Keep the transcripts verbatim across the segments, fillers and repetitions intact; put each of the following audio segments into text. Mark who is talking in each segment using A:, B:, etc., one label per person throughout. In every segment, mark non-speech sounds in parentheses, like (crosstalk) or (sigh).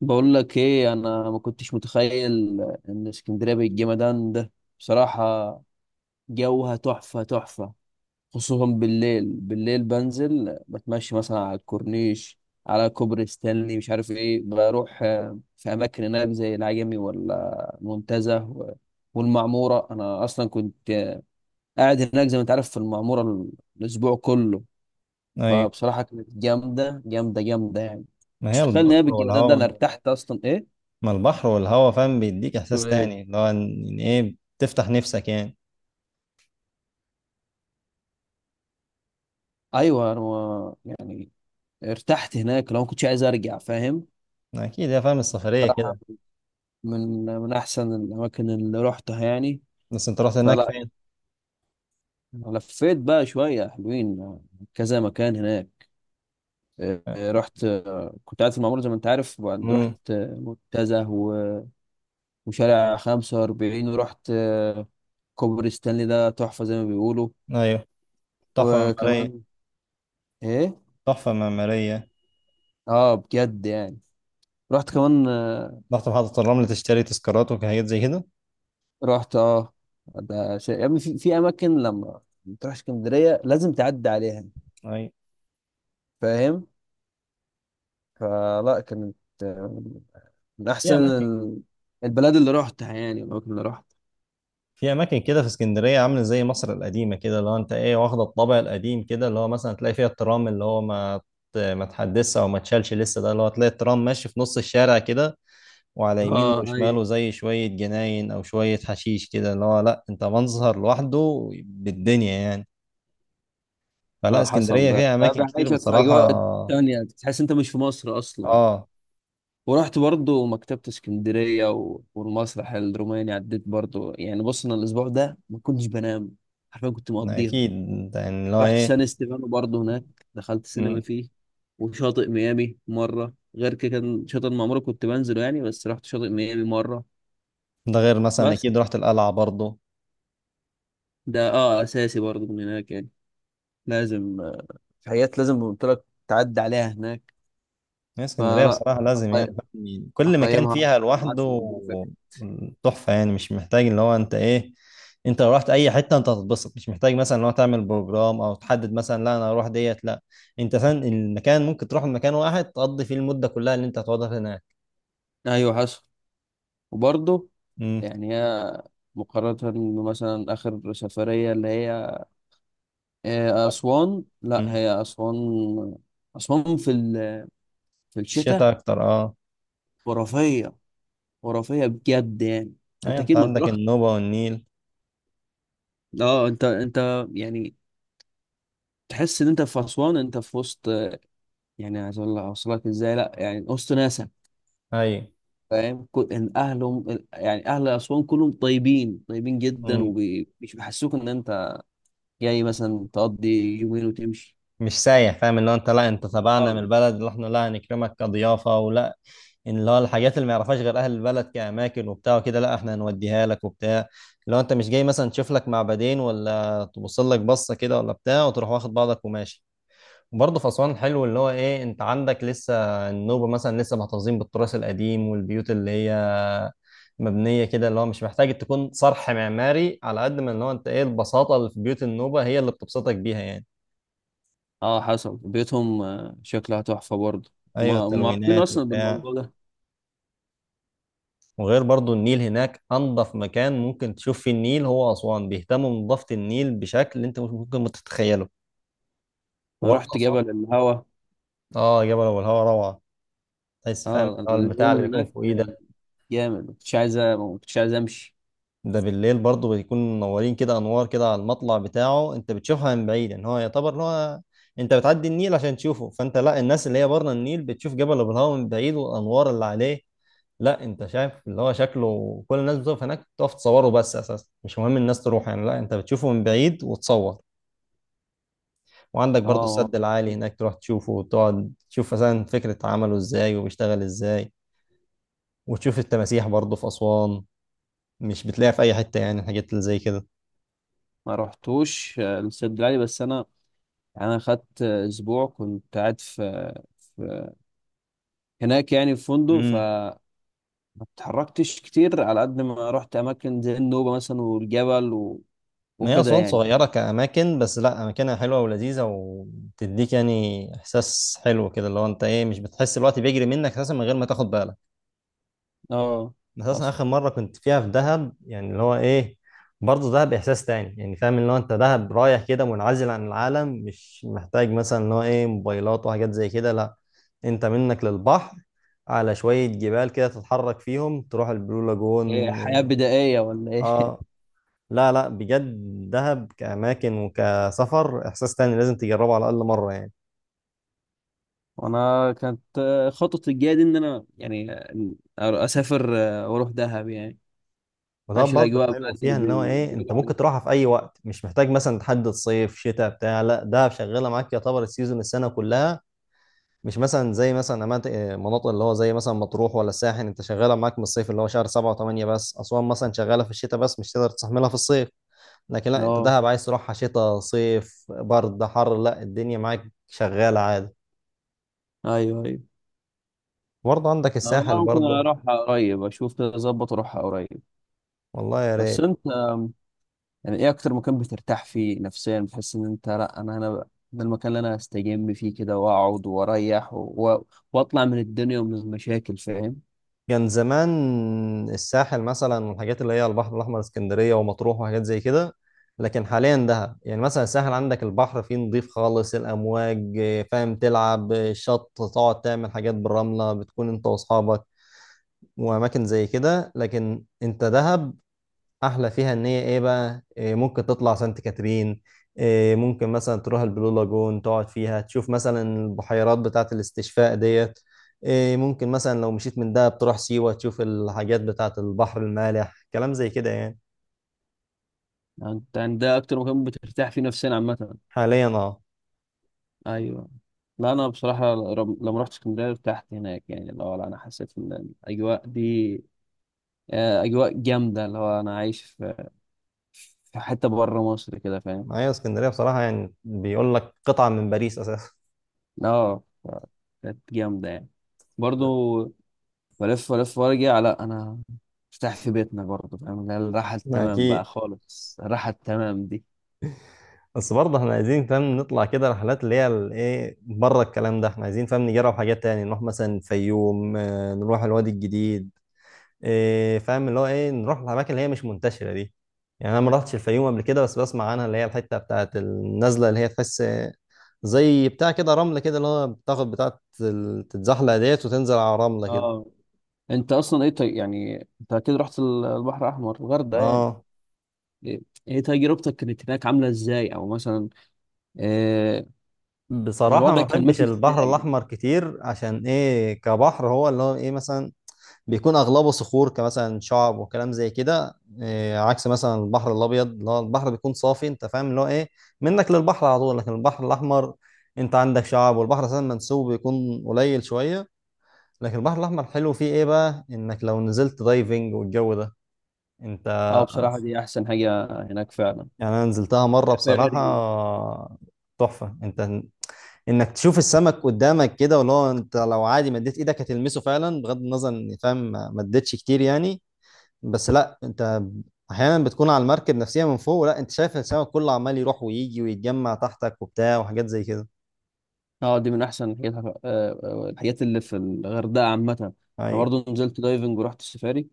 A: بقول لك ايه، انا ما كنتش متخيل ان اسكندريه بالجمدان ده، بصراحه. جوها تحفه تحفه. خصوصا بالليل، بالليل بنزل بتمشى مثلا على الكورنيش، على كوبري ستانلي، مش عارف ايه، بروح آه، في اماكن هناك زي العجمي ولا المنتزه و- والمعموره. انا اصلا كنت آه، قاعد هناك زي ما انت عارف في المعموره ال- الاسبوع كله.
B: ايوه،
A: فبصراحه كانت جامده جامده جامده يعني.
B: ما
A: مش
B: هي
A: متخيل ان هي
B: البحر
A: بالجمدان ده، انا
B: والهواء.
A: ارتحت اصلا ايه.
B: ما البحر والهواء فاهم بيديك احساس
A: تقول إيه؟
B: تاني اللي هو ان إن ايه بتفتح نفسك يعني.
A: ايوه، انا يعني ارتحت هناك، لو ما كنتش عايز ارجع فاهم.
B: اكيد يا فاهم، السفريه
A: صراحه
B: كده.
A: من من احسن الاماكن اللي روحتها يعني.
B: بس انت رحت هناك
A: فلا،
B: فين؟
A: لفيت بقى شويه حلوين، كذا مكان هناك. اه، رحت، اه، كنت قاعد في المعموره زي ما انت عارف، وبعد رحت
B: امم.
A: اه، منتزه و- وشارع خمسه واربعين، ورحت اه، كوبري ستانلي ده تحفه زي ما بيقولوا.
B: ايوه. تحفه معماريه.
A: وكمان ايه،
B: تحفه معماريه.
A: اه بجد يعني. رحت كمان آه،
B: رحت محطه الرمل تشتري تذكارات وحاجات زي كده؟
A: رحت اه. ده شيء يا ابني، في, في اماكن لما بتروح اسكندريه لازم تعدي عليها
B: ايوه،
A: فاهم. فلا كانت آه، من
B: في
A: احسن
B: اماكن.
A: ال- البلاد اللي رحتها، يعني الاماكن اللي رحت.
B: في اماكن كده في اسكندريه عامله زي مصر القديمه كده، اللي هو انت ايه واخده الطابع القديم كده، اللي هو مثلا تلاقي فيها الترام اللي هو ما ما تحدثش او ما تشالش لسه، ده اللي هو تلاقي الترام ماشي في نص الشارع كده، وعلى يمينه
A: اه ايوه.
B: وشماله زي شوية جناين أو شوية حشيش كده، اللي هو لأ أنت منظر لوحده بالدنيا يعني. فلا،
A: اه حصل.
B: اسكندرية
A: ده
B: فيها
A: ده
B: أماكن كتير
A: بيعيشك في
B: بصراحة.
A: اجواء تانية، تحس انت مش في مصر اصلا.
B: آه.
A: ورحت برضو مكتبة اسكندرية و- والمسرح الروماني، عديت برضو يعني. بص، انا الاسبوع ده ما كنتش بنام حرفيا، كنت مقضيها.
B: أكيد، يعني اللي هو
A: رحت
B: إيه.
A: سان ستيفانو برضه هناك، دخلت سينما
B: مم.
A: فيه. وشاطئ ميامي مرة، غير كده كان شاطئ ما عمري كنت بنزله يعني، بس رحت شاطئ ميامي مرة
B: ده غير مثلا،
A: بس.
B: أكيد رحت القلعة برضه.
A: ده اه اساسي برضه من هناك يعني. لازم، آه، في حاجات لازم قلت لك تعدي عليها هناك.
B: هي اسكندرية
A: فلا،
B: بصراحة لازم، يعني
A: أقي-
B: فاهم، كل مكان
A: هقيمها
B: فيها
A: عشره من عشره
B: لوحده.
A: بريفكت.
B: تحفة يعني، مش محتاج اللي هو انت ايه. انت لو رحت اي حتة انت هتتبسط، مش محتاج مثلا اللي هو تعمل بروجرام او تحدد مثلا لا انا هروح ديت، لا، انت فاهم المكان ممكن تروح مكان واحد تقضي فيه المدة كلها اللي انت هتقعدها هناك.
A: ايوه حصل. وبرضه
B: امم.
A: يعني هي، مقارنة بمثلا آخر سفرية اللي هي آه، أسوان، لا،
B: امم.
A: هي أسوان. أسوان في ال- في الشتاء
B: الشتاء اكتر، اه.
A: خرافية، خرافية بجد يعني.
B: ايوه،
A: انت
B: انت
A: اكيد ما
B: عندك
A: تروح.
B: النوبة والنيل.
A: اه، انت انت يعني تحس ان انت في اسوان، انت في وسط، يعني عايز اقول لك اوصلك ازاي، لا يعني وسط ناسا.
B: ايوه،
A: فاهم، كل- ان اهلهم، يعني اهل اسوان كلهم طيبين طيبين جدا، ومش بيحسوك ان انت جاي مثلا تقضي يومين وتمشي.
B: مش سايح، فاهم اللي هو انت لا انت تبعنا من
A: اه.
B: البلد اللي احنا، لا هنكرمك كضيافه ولا إن اللي هو الحاجات اللي ما يعرفهاش غير اهل البلد كاماكن وبتاع وكده، لا احنا هنوديها لك وبتاع. لو انت مش جاي مثلا تشوف لك معبدين ولا تبص لك بصه كده ولا بتاع وتروح واخد بعضك وماشي. وبرضه في اسوان حلو اللي هو ايه، انت عندك لسه النوبه مثلا لسه محتفظين بالتراث القديم، والبيوت اللي هي مبنيه كده، اللي هو مش محتاج تكون صرح معماري على قد ما اللي هو انت ايه البساطه اللي في بيوت النوبه هي اللي بتبسطك بيها يعني.
A: اه حصل، بيوتهم آه، شكلها تحفة برضه.
B: ايوه،
A: ما ما عارفين
B: التلوينات
A: اصلا
B: وبتاع.
A: بالموضوع ده.
B: وغير برضو النيل هناك انضف مكان ممكن تشوف فيه النيل هو اسوان، بيهتموا بنظافه النيل بشكل انت مش ممكن ما تتخيله.
A: انا
B: وبرضه
A: رحت
B: اسوان.
A: جبل الهوا.
B: اه، جبل ابو الهوا روعه. تحس فاهم اللي
A: اه،
B: هو البتاع
A: اليوم
B: اللي
A: اللي
B: بيكون
A: هناك
B: فوقيه ده.
A: جامد، ما كنتش عايز ما كنتش عايز امشي.
B: ده بالليل برضه بيكون منورين كده انوار كده على المطلع بتاعه، انت بتشوفها من بعيد ان هو يعتبر ان هو انت بتعدي النيل عشان تشوفه، فانت لا، الناس اللي هي بره النيل بتشوف جبل ابو الهوا من بعيد والانوار اللي عليه. لا انت شايف اللي هو شكله كل الناس بتقف هناك، تقف تصوره، بس اساسا مش مهم الناس تروح يعني، لا انت بتشوفه من بعيد وتصور. وعندك برضو السد
A: اه.
B: العالي هناك، تروح تشوفه وتقعد تشوف مثلا فكرة عمله ازاي وبيشتغل ازاي. وتشوف التماسيح برضو في أسوان، مش بتلاقيها في أي حتة يعني، الحاجات اللي زي كده.
A: ما رحتوش آه، السد العالي، بس انا يعني انا خدت آه، اسبوع كنت قاعد في في- هناك، يعني في فندق،
B: امم.
A: فما اتحركتش كتير على قد ما رحت اماكن زي النوبه مثلا والجبل و...
B: ما هي
A: وكده
B: أسوان
A: يعني.
B: صغيرة كأماكن، بس لا أماكنها حلوة ولذيذة وتديك يعني إحساس حلو كده، اللي هو أنت إيه مش بتحس الوقت بيجري منك أساسا من غير ما تاخد بالك.
A: اه
B: اساسا
A: حصل.
B: اخر مره كنت فيها في دهب، يعني اللي هو ايه برضه دهب احساس تاني يعني، فاهم اللي هو انت دهب رايح كده منعزل عن العالم، مش محتاج مثلا اللي هو ايه موبايلات وحاجات زي كده، لا، انت منك للبحر على شويه جبال كده تتحرك فيهم تروح البلو
A: إيه،
B: لاجون.
A: حياه بدائيه ولا ايه؟
B: اه. لا لا، بجد، دهب كاماكن وكسفر احساس تاني، لازم تجربه على الاقل مره يعني.
A: (laughs) وانا كانت آه، خطتي الجايه دي ان انا يعني آه، اسافر آه، واروح دهب يعني.
B: وده
A: عايش
B: برضه
A: الاجواء بقى
B: الحلو
A: اللي
B: فيها ان هو
A: بي-
B: ايه، انت
A: بيقولوا عليها.
B: ممكن تروحها في اي وقت، مش محتاج مثلا تحدد صيف شتاء بتاع، لا ده شغاله معاك يعتبر السيزون السنه كلها. مش مثلا زي مثلا أماكن- مناطق اللي هو زي مثلا مطروح ولا الساحل، انت شغاله معاك من الصيف اللي هو شهر سبعة و8 بس. اسوان مثلا شغاله في الشتاء بس، مش تقدر تستحملها في الصيف. لكن لا انت
A: اه
B: دهب عايز تروحها شتاء صيف برد حر، لا الدنيا معاك شغاله عادي.
A: ايوه ايوه.
B: برضه عندك
A: آه،
B: الساحل
A: والله ممكن
B: برضه.
A: اروح قريب، اشوف كده اظبط واروح قريب.
B: والله يا
A: بس
B: ريت.
A: انت يعني ايه اكتر مكان بترتاح فيه نفسيا، بتحس ان انت، لا انا انا ده المكان اللي انا استجم فيه كده، واقعد واريح و... و- واطلع من الدنيا ومن المشاكل فاهم.
B: كان زمان الساحل مثلا والحاجات اللي هي البحر الأحمر، اسكندرية ومطروح وحاجات زي كده. لكن حاليا دهب يعني، مثلا الساحل عندك البحر فيه نظيف خالص، الأمواج فاهم تلعب الشط تقعد تعمل حاجات بالرملة، بتكون أنت وأصحابك وأماكن زي كده. لكن أنت دهب احلى فيها ان هي ايه بقى، إيه ممكن تطلع سانت كاترين، إيه ممكن مثلا تروح البلو لاجون تقعد فيها تشوف مثلا البحيرات بتاعه الاستشفاء ديت، إيه ممكن مثلا لو مشيت من دهب تروح سيوة تشوف الحاجات بتاعه البحر المالح، كلام زي كده يعني.
A: يعني انت يعني ده اكتر مكان بترتاح فيه نفسيا عامه؟
B: حاليا اه.
A: ايوه. لا انا بصراحه رم- لما رحت اسكندريه ارتحت هناك، يعني اللي هو لا، انا حسيت ان الاجواء دي آه، اجواء جامده، اللي هو انا عايش في في حته بره مصر كده فاهم.
B: معايا اسكندريه بصراحه، يعني بيقول لك قطعه من باريس اساسا.
A: اه ف- كانت جامده يعني. برضو بلف بلف وارجع، لا انا ارتاح في بيتنا برضه فاهم، اللي هي الراحه
B: (laughs)
A: التمام بقى
B: اكيد.
A: خالص، الراحه التمام دي.
B: بس برضه احنا عايزين فاهم نطلع كده رحلات اللي هي ال- ايه بره الكلام ده، احنا عايزين فاهم نجرب حاجات تاني، نروح مثلا الفيوم، آه، نروح الوادي الجديد. إيه فاهم اللي هو ايه، نروح الاماكن اللي هي مش منتشره دي. يعني انا ما رحتش الفيوم قبل كده، بس بسمع عنها اللي هي الحته بتاعت النزله اللي هي تحس زي بتاع كده رمل كده، اللي هو بتاخد بتاعت ال- تتزحلق ديت وتنزل على رمله كده.
A: اه. انت اصلا ايه طي... يعني انت اكيد رحت ال- البحر الاحمر الغردقه يعني،
B: اه.
A: ايه، إيه تجربتك كانت هناك عامله ازاي، او مثلا إيه
B: بصراحه
A: الوضع
B: ما
A: كان
B: بحبش
A: ماشي
B: البحر
A: ازاي؟
B: الاحمر كتير عشان ايه، كبحر هو اللي هو ايه مثلا بيكون اغلبه صخور كمثلا شعب وكلام زي كده. إيه، عكس مثلا البحر الابيض اللي هو البحر بيكون صافي، انت فاهم اللي هو ايه منك للبحر على طول. لكن البحر الاحمر انت عندك شعب، والبحر اساسا منسوب بيكون قليل شويه. لكن البحر الاحمر حلو فيه ايه بقى، انك لو نزلت دايفنج والجو ده انت
A: اه، بصراحه دي احسن حاجه هناك فعلا،
B: يعني. انا نزلتها مره بصراحه،
A: سفاري.
B: تحفه، انت انك تشوف السمك قدامك كده، واللي هو انت لو عادي مديت ايدك هتلمسه فعلا، بغض النظر ان فاهم ما مديتش كتير يعني، بس لا انت احيانا بتكون على المركب نفسيا من فوق، لا انت شايف السمك كله عمال يروح ويجي ويتجمع تحتك وبتاع وحاجات زي كده.
A: اه، دي من احسن الحاجات، آه، آه، الحاجات اللي في الغردقه عامه. انا
B: ايوه.
A: برضو نزلت دايفنج ورحت السفاري.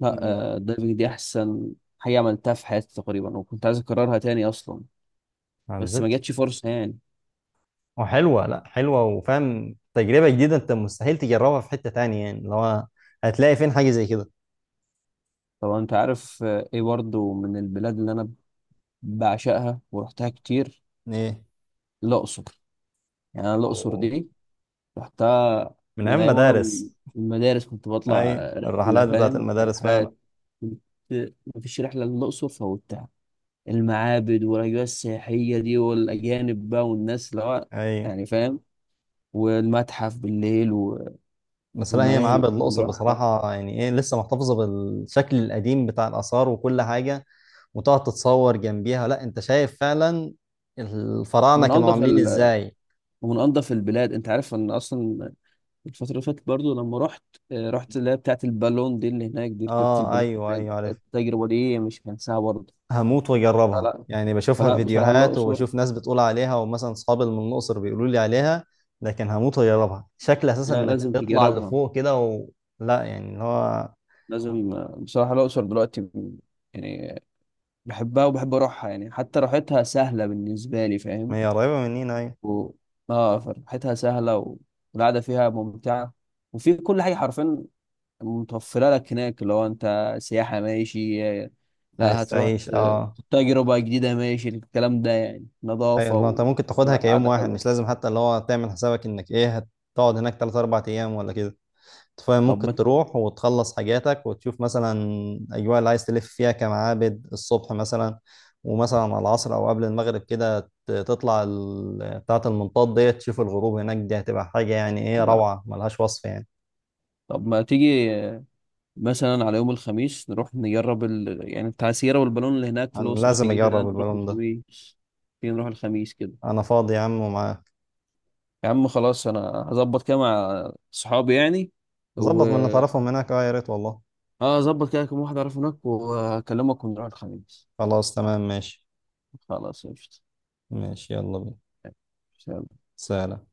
A: لا،
B: مم.
A: آه، الدايفنج دي احسن حاجه عملتها في حياتي تقريبا، وكنت عايز اكررها تاني اصلا،
B: ما
A: بس ما جاتش
B: نزلتش.
A: فرصه يعني.
B: وحلوه، لا حلوه وفاهم، تجربه جديده انت مستحيل تجربها في حته تانية يعني، اللي هو هتلاقي فين حاجه زي كده.
A: طبعا انت عارف، آه، ايه برضو من البلاد اللي انا بعشقها ورحتها كتير،
B: ايه.
A: الاقصر. يعني انا الاقصر
B: أوه.
A: دي رحتها
B: من ايام
A: من ايام، وانا من
B: مدارس.
A: المدارس كنت بطلع
B: ايوه،
A: رحله
B: الرحلات بتاعت
A: فاهم،
B: المدارس فعلا.
A: الرحلات، كنت مفيش رحله للاقصر فوتها. المعابد والاجواء السياحيه دي، والاجانب بقى، والناس اللي هو
B: ايوه،
A: يعني فاهم، والمتحف بالليل و-
B: بس لا هي
A: والملاهي اللي
B: معابد
A: كنا
B: الاقصر
A: بنروحها،
B: بصراحه يعني ايه لسه محتفظه بالشكل القديم بتاع الاثار وكل حاجه. وتقعد تتصور جنبيها، لا انت شايف فعلا الفراعنة
A: من
B: كانوا
A: انضف
B: عاملين
A: ال...
B: ازاي.
A: ومن انضف البلاد، انت عارف ان اصلا الفتره اللي فاتت برضو لما رحت، آه، رحت اللي هي بتاعت البالون دي اللي هناك دي، ركبت
B: اه
A: البالون
B: ايوه
A: هناك.
B: ايوه عارف.
A: التجربه دي مش هنساها برضه.
B: هموت واجربها،
A: فلا
B: يعني بشوفها
A: فلا بصراحه
B: فيديوهات
A: الاقصر.
B: وبشوف ناس بتقول عليها، ومثلا صحابي من الاقصر بيقولوا لي عليها. لكن هموت واجربها، شكل اساسا
A: لا،
B: انك
A: لازم
B: تطلع
A: تجربها،
B: لفوق كده و... لا يعني اللي هو.
A: لازم، آه، بصراحه الاقصر دلوقتي يعني بحبها وبحب اروحها يعني، حتى راحتها سهله بالنسبه لي فاهم.
B: ما هي قريبة مننا، ايوه.
A: و... اه، فرحتها سهله و- والقعده فيها ممتعه، وفي كل حاجه حرفيا متوفره لك هناك. لو انت سياحه ماشي، لا
B: عايز
A: هتروح
B: تعيش،
A: ت-
B: اه.
A: تجربه جديده ماشي الكلام ده يعني،
B: ايوه
A: نظافه
B: اللي هو انت
A: و...
B: ممكن تاخدها
A: لا،
B: كيوم
A: قعده
B: واحد،
A: حلوه.
B: مش لازم حتى اللي هو تعمل حسابك انك ايه هتقعد هناك ثلاثة اربعة ايام ولا كده. أنت فاهم
A: طب
B: ممكن
A: ما،
B: تروح وتخلص حاجاتك وتشوف مثلا الاجواء اللي عايز تلف فيها كمعابد الصبح مثلا، ومثلا على العصر او قبل المغرب كده ت- تطلع ال- بتاعة المنطاد ديت تشوف الغروب هناك، دي هتبقى حاجة يعني ايه
A: ما-
B: روعة ملهاش وصف يعني.
A: طب ما تيجي آه، مثلا على يوم الخميس نروح نجرب ال... يعني التعسيره والبالون اللي هناك في
B: انا
A: الاقصر،
B: لازم
A: تيجي كده
B: اجرب
A: نروح
B: البالون ده.
A: الخميس؟ تيجي نروح الخميس كده.
B: انا فاضي يا عم ومعاك.
A: يا عم خلاص، انا هظبط كده مع صحابي يعني و،
B: ظبط من اللي تعرفهم هناك، اه يا ريت والله.
A: اه ظبط كده كم واحد اعرفه هناك، واكلمك ونروح الخميس.
B: خلاص تمام ماشي.
A: خلاص قشطة.
B: ماشي يلا بينا.
A: سلام.
B: سلام.